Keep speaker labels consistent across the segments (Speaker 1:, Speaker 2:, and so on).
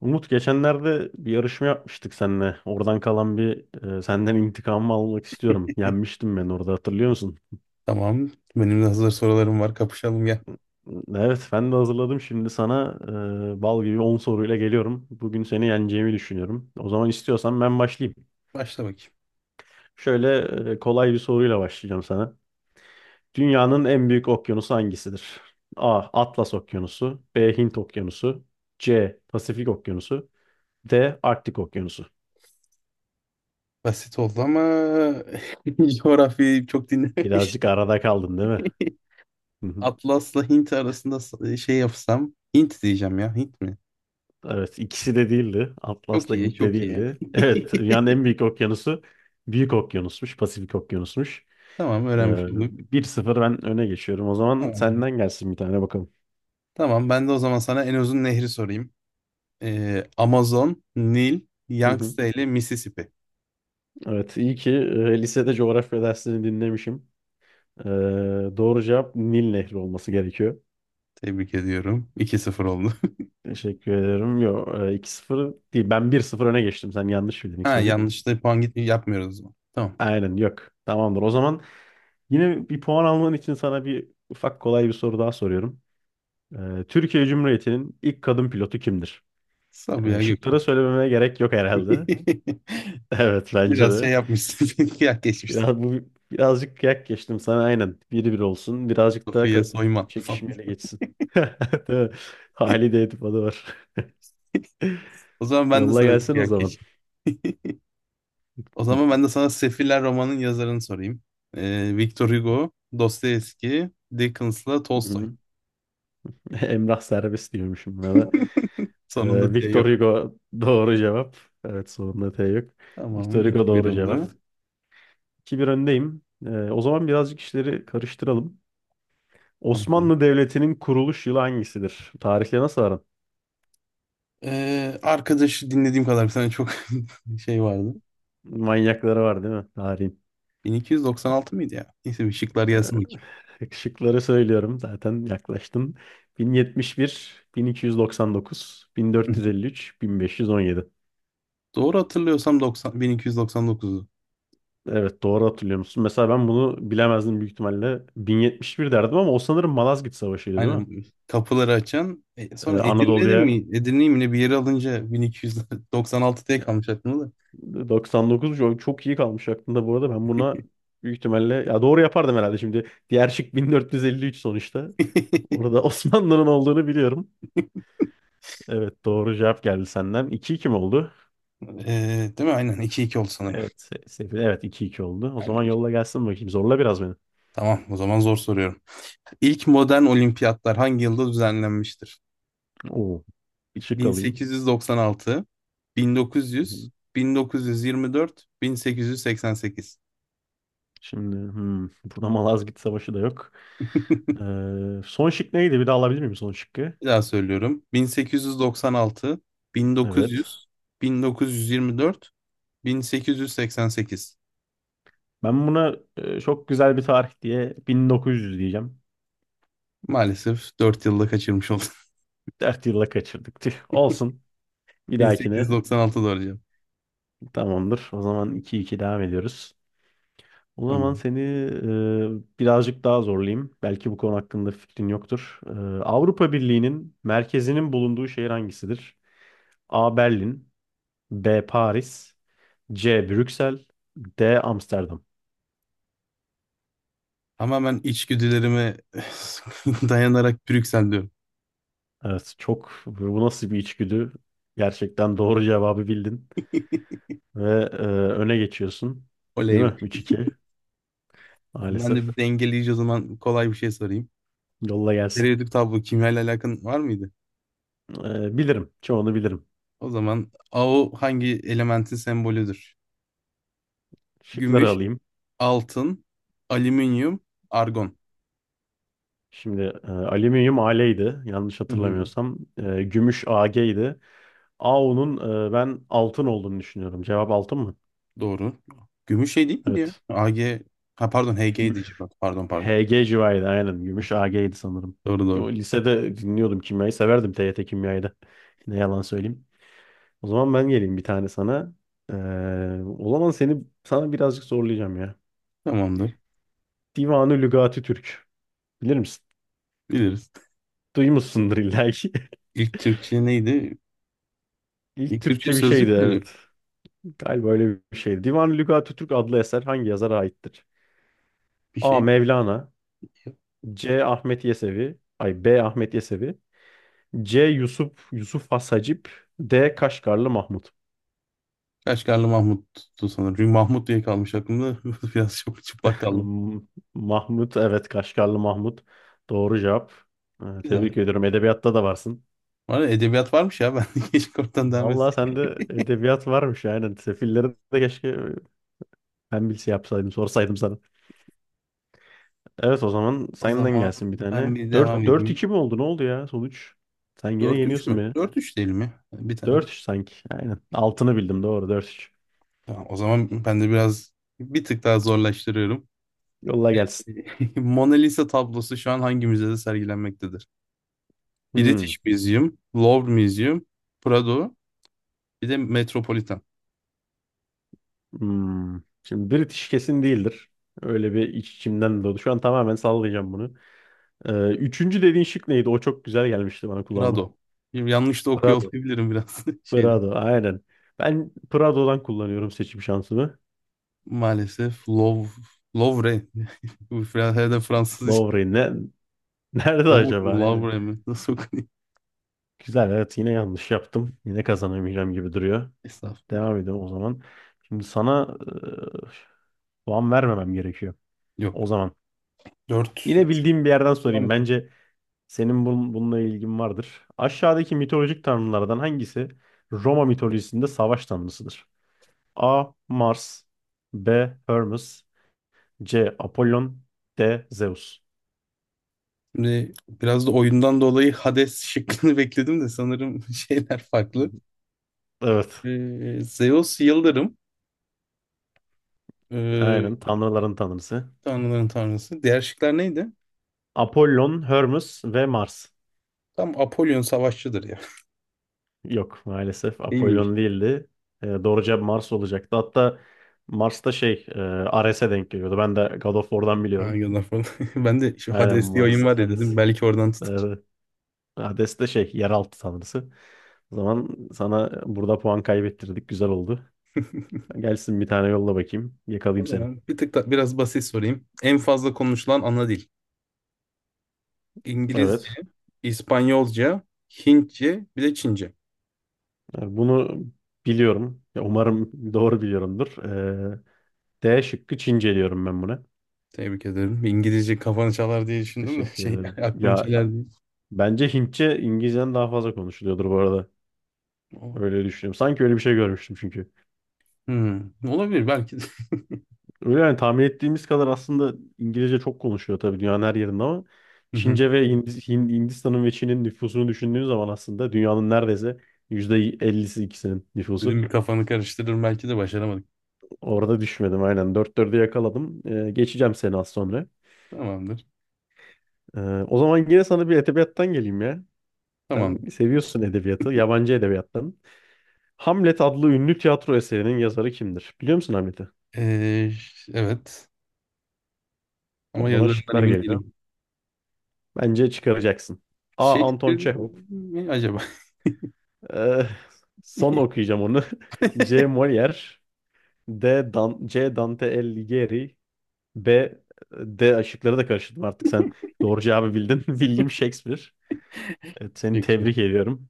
Speaker 1: Umut geçenlerde bir yarışma yapmıştık seninle. Oradan kalan bir senden intikamımı almak istiyorum. Yenmiştim ben orada hatırlıyor musun?
Speaker 2: Tamam. Benim de hazır sorularım var. Kapışalım gel.
Speaker 1: Evet ben de hazırladım. Şimdi sana bal gibi 10 soruyla geliyorum. Bugün seni yeneceğimi düşünüyorum. O zaman istiyorsan ben başlayayım.
Speaker 2: Başla bakayım.
Speaker 1: Şöyle kolay bir soruyla başlayacağım sana. Dünyanın en büyük okyanusu hangisidir? A. Atlas Okyanusu, B. Hint Okyanusu, C. Pasifik Okyanusu, D. Arktik Okyanusu.
Speaker 2: Basit oldu ama coğrafyayı çok dinlememiş.
Speaker 1: Birazcık arada kaldın değil mi?
Speaker 2: Atlas'la Hint arasında şey yapsam. Hint diyeceğim ya. Hint mi?
Speaker 1: Evet, ikisi de değildi. Atlas
Speaker 2: Çok
Speaker 1: da
Speaker 2: iyi,
Speaker 1: Hint de
Speaker 2: çok iyi.
Speaker 1: değildi. Evet, dünyanın en büyük okyanusu Büyük Okyanusmuş, Pasifik Okyanusmuş.
Speaker 2: Tamam,
Speaker 1: Ee,
Speaker 2: öğrenmiş olduk.
Speaker 1: 1-0 ben öne geçiyorum. O zaman
Speaker 2: Tamam.
Speaker 1: senden gelsin bir tane bakalım.
Speaker 2: Tamam, ben de o zaman sana en uzun nehri sorayım. Amazon, Nil,
Speaker 1: Hı hı.
Speaker 2: Yangtze ile Mississippi.
Speaker 1: Evet, iyi ki lisede coğrafya dersini dinlemişim. Ee, doğru cevap Nil Nehri olması gerekiyor.
Speaker 2: Tebrik ediyorum. 2 sıfır oldu.
Speaker 1: Teşekkür ederim. Yok, 2-0 değil. Ben 1-0 öne geçtim. Sen yanlış bildin ilk
Speaker 2: Ha
Speaker 1: soruyu.
Speaker 2: yanlış da puan gitmiyor yapmıyoruz o zaman. Tamam.
Speaker 1: Aynen, yok. Tamamdır. O zaman yine bir puan alman için sana bir ufak kolay bir soru daha soruyorum. Türkiye Cumhuriyeti'nin ilk kadın pilotu kimdir?
Speaker 2: Sabiha
Speaker 1: Şıkları
Speaker 2: Gökçen.
Speaker 1: söylememe gerek yok herhalde. Evet bence
Speaker 2: Biraz şey
Speaker 1: de.
Speaker 2: yapmışsın. Kıyak geçmişsin.
Speaker 1: Biraz, bu, birazcık kıyak geçtim sana aynen. Biri bir olsun. Birazcık daha
Speaker 2: Sofya soyman falan.
Speaker 1: çekişmeli geçsin. Değil mi? Halide Edip adı var.
Speaker 2: O zaman ben de
Speaker 1: Yolla
Speaker 2: sana bir
Speaker 1: gelsin o
Speaker 2: kıyak
Speaker 1: zaman.
Speaker 2: geçeyim. O
Speaker 1: Hı
Speaker 2: zaman ben de sana Sefiller romanın yazarını sorayım. Victor Hugo, Dostoyevski, Dickens'la
Speaker 1: hı.
Speaker 2: Tolstoy.
Speaker 1: hı. Emrah Serbest diyormuşum buna da.
Speaker 2: Sonunda diye
Speaker 1: Victor
Speaker 2: yok.
Speaker 1: Hugo doğru cevap. Evet sonunda T yok.
Speaker 2: Tamam.
Speaker 1: Victor Hugo
Speaker 2: iki bir
Speaker 1: doğru cevap.
Speaker 2: oldu.
Speaker 1: 2 bir öndeyim. O zaman birazcık işleri karıştıralım. Osmanlı Devleti'nin kuruluş yılı hangisidir? Tarihle nasıl aran?
Speaker 2: Arkadaşı dinlediğim kadar bir tane çok şey vardı.
Speaker 1: Manyakları var değil mi? Tarihin.
Speaker 2: 1296 mıydı ya? Neyse bir şıklar gelsin
Speaker 1: Şıkları söylüyorum zaten yaklaştın. 1071, 1299,
Speaker 2: bakayım.
Speaker 1: 1453, 1517.
Speaker 2: Doğru hatırlıyorsam 90, 1299.
Speaker 1: Evet doğru hatırlıyor musun? Mesela ben bunu bilemezdim büyük ihtimalle. 1071 derdim ama o sanırım Malazgirt Savaşı'ydı değil mi?
Speaker 2: Aynen, kapıları açan. Sonra Edirne'de
Speaker 1: Anadolu'ya
Speaker 2: mi? Edirne'yi mi ne bir yere alınca 1296 diye kalmış aklımda da.
Speaker 1: 99 çok çok iyi kalmış aklımda bu arada. Ben buna büyük ihtimalle ya doğru yapardım herhalde şimdi. Diğer şık 1453 sonuçta. Burada Osmanlı'nın olduğunu biliyorum. Evet doğru cevap geldi senden. 2 iki mi oldu?
Speaker 2: E, Değil mi? Aynen iki iki oldu sanırım.
Speaker 1: Evet. Evet 2-2 oldu. O
Speaker 2: Aynen,
Speaker 1: zaman
Speaker 2: işte.
Speaker 1: yolla gelsin bakayım. Zorla biraz beni.
Speaker 2: Tamam, o zaman zor soruyorum. İlk modern olimpiyatlar hangi yılda düzenlenmiştir?
Speaker 1: Oo, şık alayım.
Speaker 2: 1896,
Speaker 1: Hı
Speaker 2: 1900,
Speaker 1: hı.
Speaker 2: 1924, 1888.
Speaker 1: Şimdi burada Malazgirt Savaşı da yok. Son şık neydi? Bir daha alabilir miyim son şıkkı?
Speaker 2: Bir daha söylüyorum. 1896,
Speaker 1: Evet.
Speaker 2: 1900, 1924, 1888.
Speaker 1: Ben buna çok güzel bir tarih diye 1900 diyeceğim.
Speaker 2: Maalesef 4 yılda kaçırmış oldum.
Speaker 1: 4 yılla kaçırdık. Tüh, olsun. Bir
Speaker 2: Bin sekiz yüz
Speaker 1: dahakine
Speaker 2: doksan altı doğru arayacağım.
Speaker 1: tamamdır. O zaman 2-2 devam ediyoruz. O zaman
Speaker 2: Tamam.
Speaker 1: seni birazcık daha zorlayayım. Belki bu konu hakkında fikrin yoktur. Avrupa Birliği'nin merkezinin bulunduğu şehir hangisidir? A. Berlin, B. Paris, C. Brüksel, D. Amsterdam.
Speaker 2: Tamamen içgüdülerime dayanarak Brüksel'deyim.
Speaker 1: Evet çok bu nasıl bir içgüdü? Gerçekten doğru cevabı bildin. Ve öne geçiyorsun. Değil
Speaker 2: Oley
Speaker 1: mi?
Speaker 2: be.
Speaker 1: 3-2.
Speaker 2: Tamam, ben de bir
Speaker 1: Maalesef.
Speaker 2: dengeleyici o zaman kolay bir şey sorayım.
Speaker 1: Yolla gelsin.
Speaker 2: Periyodik tablo, kimyayla alakan var mıydı?
Speaker 1: Bilirim. Çoğunu bilirim.
Speaker 2: O zaman AO hangi elementin sembolüdür?
Speaker 1: Şıkları
Speaker 2: Gümüş,
Speaker 1: alayım.
Speaker 2: altın, alüminyum, argon.
Speaker 1: Şimdi alüminyum Al'ydi yanlış
Speaker 2: Hı hı,
Speaker 1: hatırlamıyorsam. Gümüş Ag'ydi. Au'nun ben altın olduğunu düşünüyorum. Cevap altın mı?
Speaker 2: doğru. Gümüş şey değil miydi
Speaker 1: Evet.
Speaker 2: ya? AG, ha pardon HG'ydi,
Speaker 1: Gümüş
Speaker 2: civat. Pardon, pardon. Pardon.
Speaker 1: HG civarıydı aynen. Gümüş
Speaker 2: Evet,
Speaker 1: Ag'ydi sanırım.
Speaker 2: doğru doğru.
Speaker 1: O, lisede dinliyordum kimyayı. Severdim TYT kimyayı da. Ne yalan söyleyeyim. O zaman ben geleyim bir tane sana. E, o zaman sana birazcık zorlayacağım ya.
Speaker 2: Tamamdır.
Speaker 1: Divanı Lügati Türk. Bilir misin?
Speaker 2: Biliriz.
Speaker 1: Duymuşsundur illa ki.
Speaker 2: İlk Türkçe neydi?
Speaker 1: İlk
Speaker 2: Bir Türkçe
Speaker 1: Türkçe bir şeydi
Speaker 2: sözlük müydü?
Speaker 1: evet. Galiba öyle bir şey. Divan-ı Lügat-ı Türk adlı eser hangi yazara aittir?
Speaker 2: Bir
Speaker 1: A.
Speaker 2: şey mi?
Speaker 1: Mevlana, C. Ahmet Yesevi Ay, B. Ahmet Yesevi, C. Yusuf Yusuf Has Hacip, D. Kaşgarlı Mahmut.
Speaker 2: Kaşgarlı Mahmut'tu sanırım. Çünkü Mahmut diye kalmış aklımda. Biraz çok çıplak kaldı.
Speaker 1: M- Mahmut evet Kaşgarlı Mahmut. Doğru cevap.
Speaker 2: Güzel.
Speaker 1: Tebrik ediyorum. Edebiyatta da varsın.
Speaker 2: Var ya, edebiyat varmış ya. Ben de keşke oradan devam
Speaker 1: Vallahi
Speaker 2: etseydim.
Speaker 1: sende edebiyat varmış yani. Sefilleri de keşke ben bilse yapsaydım, sorsaydım sana. Evet o zaman
Speaker 2: O
Speaker 1: senden
Speaker 2: zaman
Speaker 1: gelsin bir
Speaker 2: ben
Speaker 1: tane.
Speaker 2: bir devam
Speaker 1: Dört dört
Speaker 2: edeyim.
Speaker 1: iki mi oldu? Ne oldu ya sonuç? Sen yine
Speaker 2: Dört üç
Speaker 1: yeniyorsun
Speaker 2: mü?
Speaker 1: beni.
Speaker 2: Dört üç değil mi? Bir tane.
Speaker 1: 4-3 sanki. Aynen. Altını bildim doğru 4-3.
Speaker 2: Tamam, o zaman ben de biraz bir tık daha zorlaştırıyorum.
Speaker 1: Yolla gelsin.
Speaker 2: Mona Lisa tablosu şu an hangi müzede sergilenmektedir?
Speaker 1: Hmm.
Speaker 2: British Museum, Louvre Museum, Prado, bir de Metropolitan.
Speaker 1: Hmm. Şimdi British kesin değildir. Öyle bir iç içimden doğdu. Şu an tamamen sallayacağım bunu. Üçüncü dediğin şık neydi? O çok güzel gelmişti bana kulağıma.
Speaker 2: Prado. Yanlış da okuyor
Speaker 1: Prado.
Speaker 2: olabilirim biraz şeyden.
Speaker 1: Prado aynen. Ben Prado'dan kullanıyorum seçim şansımı.
Speaker 2: Maalesef Lovre. Bu herhalde Fransız iş.
Speaker 1: Lowry ne? Nerede
Speaker 2: Lovre
Speaker 1: acaba?
Speaker 2: mi?
Speaker 1: Aynen.
Speaker 2: Lovre mi? Nasıl okunuyor?
Speaker 1: Güzel evet yine yanlış yaptım. Yine kazanamayacağım gibi duruyor.
Speaker 2: Estağfurullah.
Speaker 1: Devam edelim o zaman. Şimdi sana puan vermemem gerekiyor. O
Speaker 2: Yok.
Speaker 1: zaman.
Speaker 2: Dört.
Speaker 1: Yine bildiğim bir yerden
Speaker 2: Devam
Speaker 1: sorayım.
Speaker 2: edelim.
Speaker 1: Bence senin bununla ilgin vardır. Aşağıdaki mitolojik tanrılardan hangisi Roma mitolojisinde savaş tanrısıdır? A. Mars, B. Hermes, C. Apollon, D. Zeus.
Speaker 2: Şimdi biraz da oyundan dolayı Hades şıkkını bekledim de sanırım şeyler farklı.
Speaker 1: Evet.
Speaker 2: Zeus Yıldırım. ee,
Speaker 1: Aynen. Tanrıların tanrısı.
Speaker 2: tanrıların tanrısı. Diğer şıklar neydi?
Speaker 1: Apollon, Hermes ve Mars.
Speaker 2: Tam Apollon savaşçıdır ya.
Speaker 1: Yok maalesef
Speaker 2: Değil miymiş?
Speaker 1: Apollon değildi. Doğru cevap Mars olacaktı. Hatta Mars'ta şey Ares'e denk geliyordu. Ben de God of War'dan
Speaker 2: Ha,
Speaker 1: biliyorum.
Speaker 2: gönder falan. Ben de şu
Speaker 1: Aynen
Speaker 2: Hades diye oyun
Speaker 1: Mars,
Speaker 2: var ya
Speaker 1: Ares.
Speaker 2: dedim. Belki oradan tutar.
Speaker 1: Evet. Hades de şey yeraltı tanrısı. O zaman sana burada puan kaybettirdik. Güzel oldu. Gelsin bir tane yolla bakayım.
Speaker 2: O
Speaker 1: Yakalayayım seni.
Speaker 2: zaman bir tık da biraz basit sorayım. En fazla konuşulan ana dil. İngilizce,
Speaker 1: Evet.
Speaker 2: İspanyolca, Hintçe, bir de Çince.
Speaker 1: Yani bunu biliyorum. Ya umarım doğru biliyorumdur. Ee, D şıkkı Çince diyorum ben buna.
Speaker 2: Tebrik ederim. İngilizce kafanı çalar diye düşündüm de
Speaker 1: Teşekkür
Speaker 2: şey
Speaker 1: ederim.
Speaker 2: aklını
Speaker 1: Ya
Speaker 2: çeler diye.
Speaker 1: bence Hintçe İngilizceden daha fazla konuşuluyordur bu arada. Öyle düşünüyorum. Sanki öyle bir şey görmüştüm çünkü.
Speaker 2: Hmm, olabilir belki de.
Speaker 1: Öyle yani tahmin ettiğimiz kadar aslında İngilizce çok konuşuyor tabii dünyanın her yerinde ama
Speaker 2: Hı hı.
Speaker 1: Çince ve Hindistan'ın ve Çin'in nüfusunu düşündüğün zaman aslında dünyanın neredeyse %50'si ikisinin
Speaker 2: Dedim
Speaker 1: nüfusu.
Speaker 2: bir kafanı karıştırır, belki de başaramadık.
Speaker 1: Orada düşmedim aynen. 4-4'e yakaladım. Geçeceğim seni az sonra.
Speaker 2: Tamamdır.
Speaker 1: Ee, o zaman yine sana bir edebiyattan geleyim ya.
Speaker 2: Tamam.
Speaker 1: Sen seviyorsun edebiyatı, yabancı edebiyattan. Hamlet adlı ünlü tiyatro eserinin yazarı kimdir? Biliyor musun Hamlet'i?
Speaker 2: Ee, evet.
Speaker 1: O
Speaker 2: Ama
Speaker 1: zaman
Speaker 2: yazarından
Speaker 1: şıklar
Speaker 2: emin
Speaker 1: geliyor.
Speaker 2: değilim.
Speaker 1: Bence çıkaracaksın. A. Anton
Speaker 2: Shakespeare
Speaker 1: Çehov.
Speaker 2: mi acaba?
Speaker 1: Ee, son okuyacağım onu. C. Molière, D. Dan C. Dante Alighieri, B. D. Işıkları da karıştırdım artık. Sen doğru cevabı bildin. William Shakespeare. Evet, seni
Speaker 2: Shakespeare.
Speaker 1: tebrik ediyorum.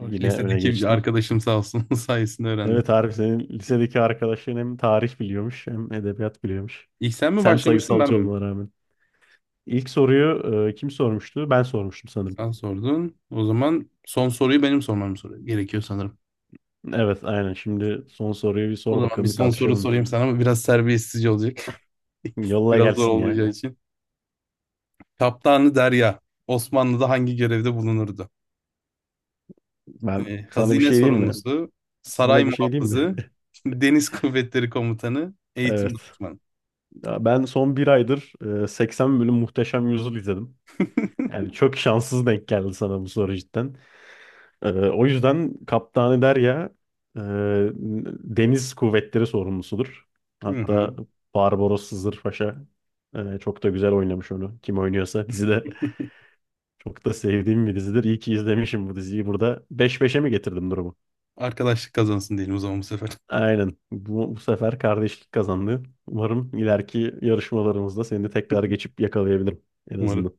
Speaker 1: Yine öne
Speaker 2: Lisedeki bir
Speaker 1: geçtin.
Speaker 2: arkadaşım sağ olsun sayesinde öğrendim.
Speaker 1: Evet Arif senin lisedeki arkadaşların hem tarih biliyormuş hem edebiyat biliyormuş.
Speaker 2: İlk sen mi
Speaker 1: Sen
Speaker 2: başlamıştın, ben
Speaker 1: sayısalcı
Speaker 2: mi?
Speaker 1: olmana rağmen. İlk soruyu kim sormuştu? Ben sormuştum sanırım.
Speaker 2: Sen sordun. O zaman son soruyu benim sormam gerekiyor sanırım.
Speaker 1: Evet aynen. Şimdi son soruyu bir
Speaker 2: O
Speaker 1: sor
Speaker 2: zaman bir
Speaker 1: bakalım bir
Speaker 2: son soru
Speaker 1: tartışalım biz.
Speaker 2: sorayım sana ama biraz serbestsizce olacak.
Speaker 1: Yolla
Speaker 2: Biraz zor
Speaker 1: gelsin ya.
Speaker 2: olacağı için. Kaptanı Derya Osmanlı'da hangi görevde bulunurdu?
Speaker 1: Ben sana bir
Speaker 2: Hazine
Speaker 1: şey diyeyim mi?
Speaker 2: sorumlusu, saray
Speaker 1: Sana bir şey diyeyim mi?
Speaker 2: muhafızı, deniz kuvvetleri komutanı, eğitim
Speaker 1: Evet.
Speaker 2: danışmanı.
Speaker 1: Ya ben son bir aydır 80 bölüm Muhteşem Yüzyıl izledim. Yani çok şanssız denk geldi sana bu soru cidden. O yüzden Kaptanı Derya e, Deniz Kuvvetleri sorumlusudur.
Speaker 2: Hı hı.
Speaker 1: Hatta Barbaros Sızır Paşa çok da güzel oynamış onu. Kim oynuyorsa dizide çok da sevdiğim bir dizidir. İyi ki izlemişim bu diziyi. Burada 5-5'e mi getirdim durumu?
Speaker 2: Arkadaşlık kazansın diyelim o zaman bu sefer.
Speaker 1: Aynen. Bu, bu sefer kardeşlik kazandı. Umarım ileriki yarışmalarımızda seni de tekrar geçip yakalayabilirim en
Speaker 2: Umarım.
Speaker 1: azından.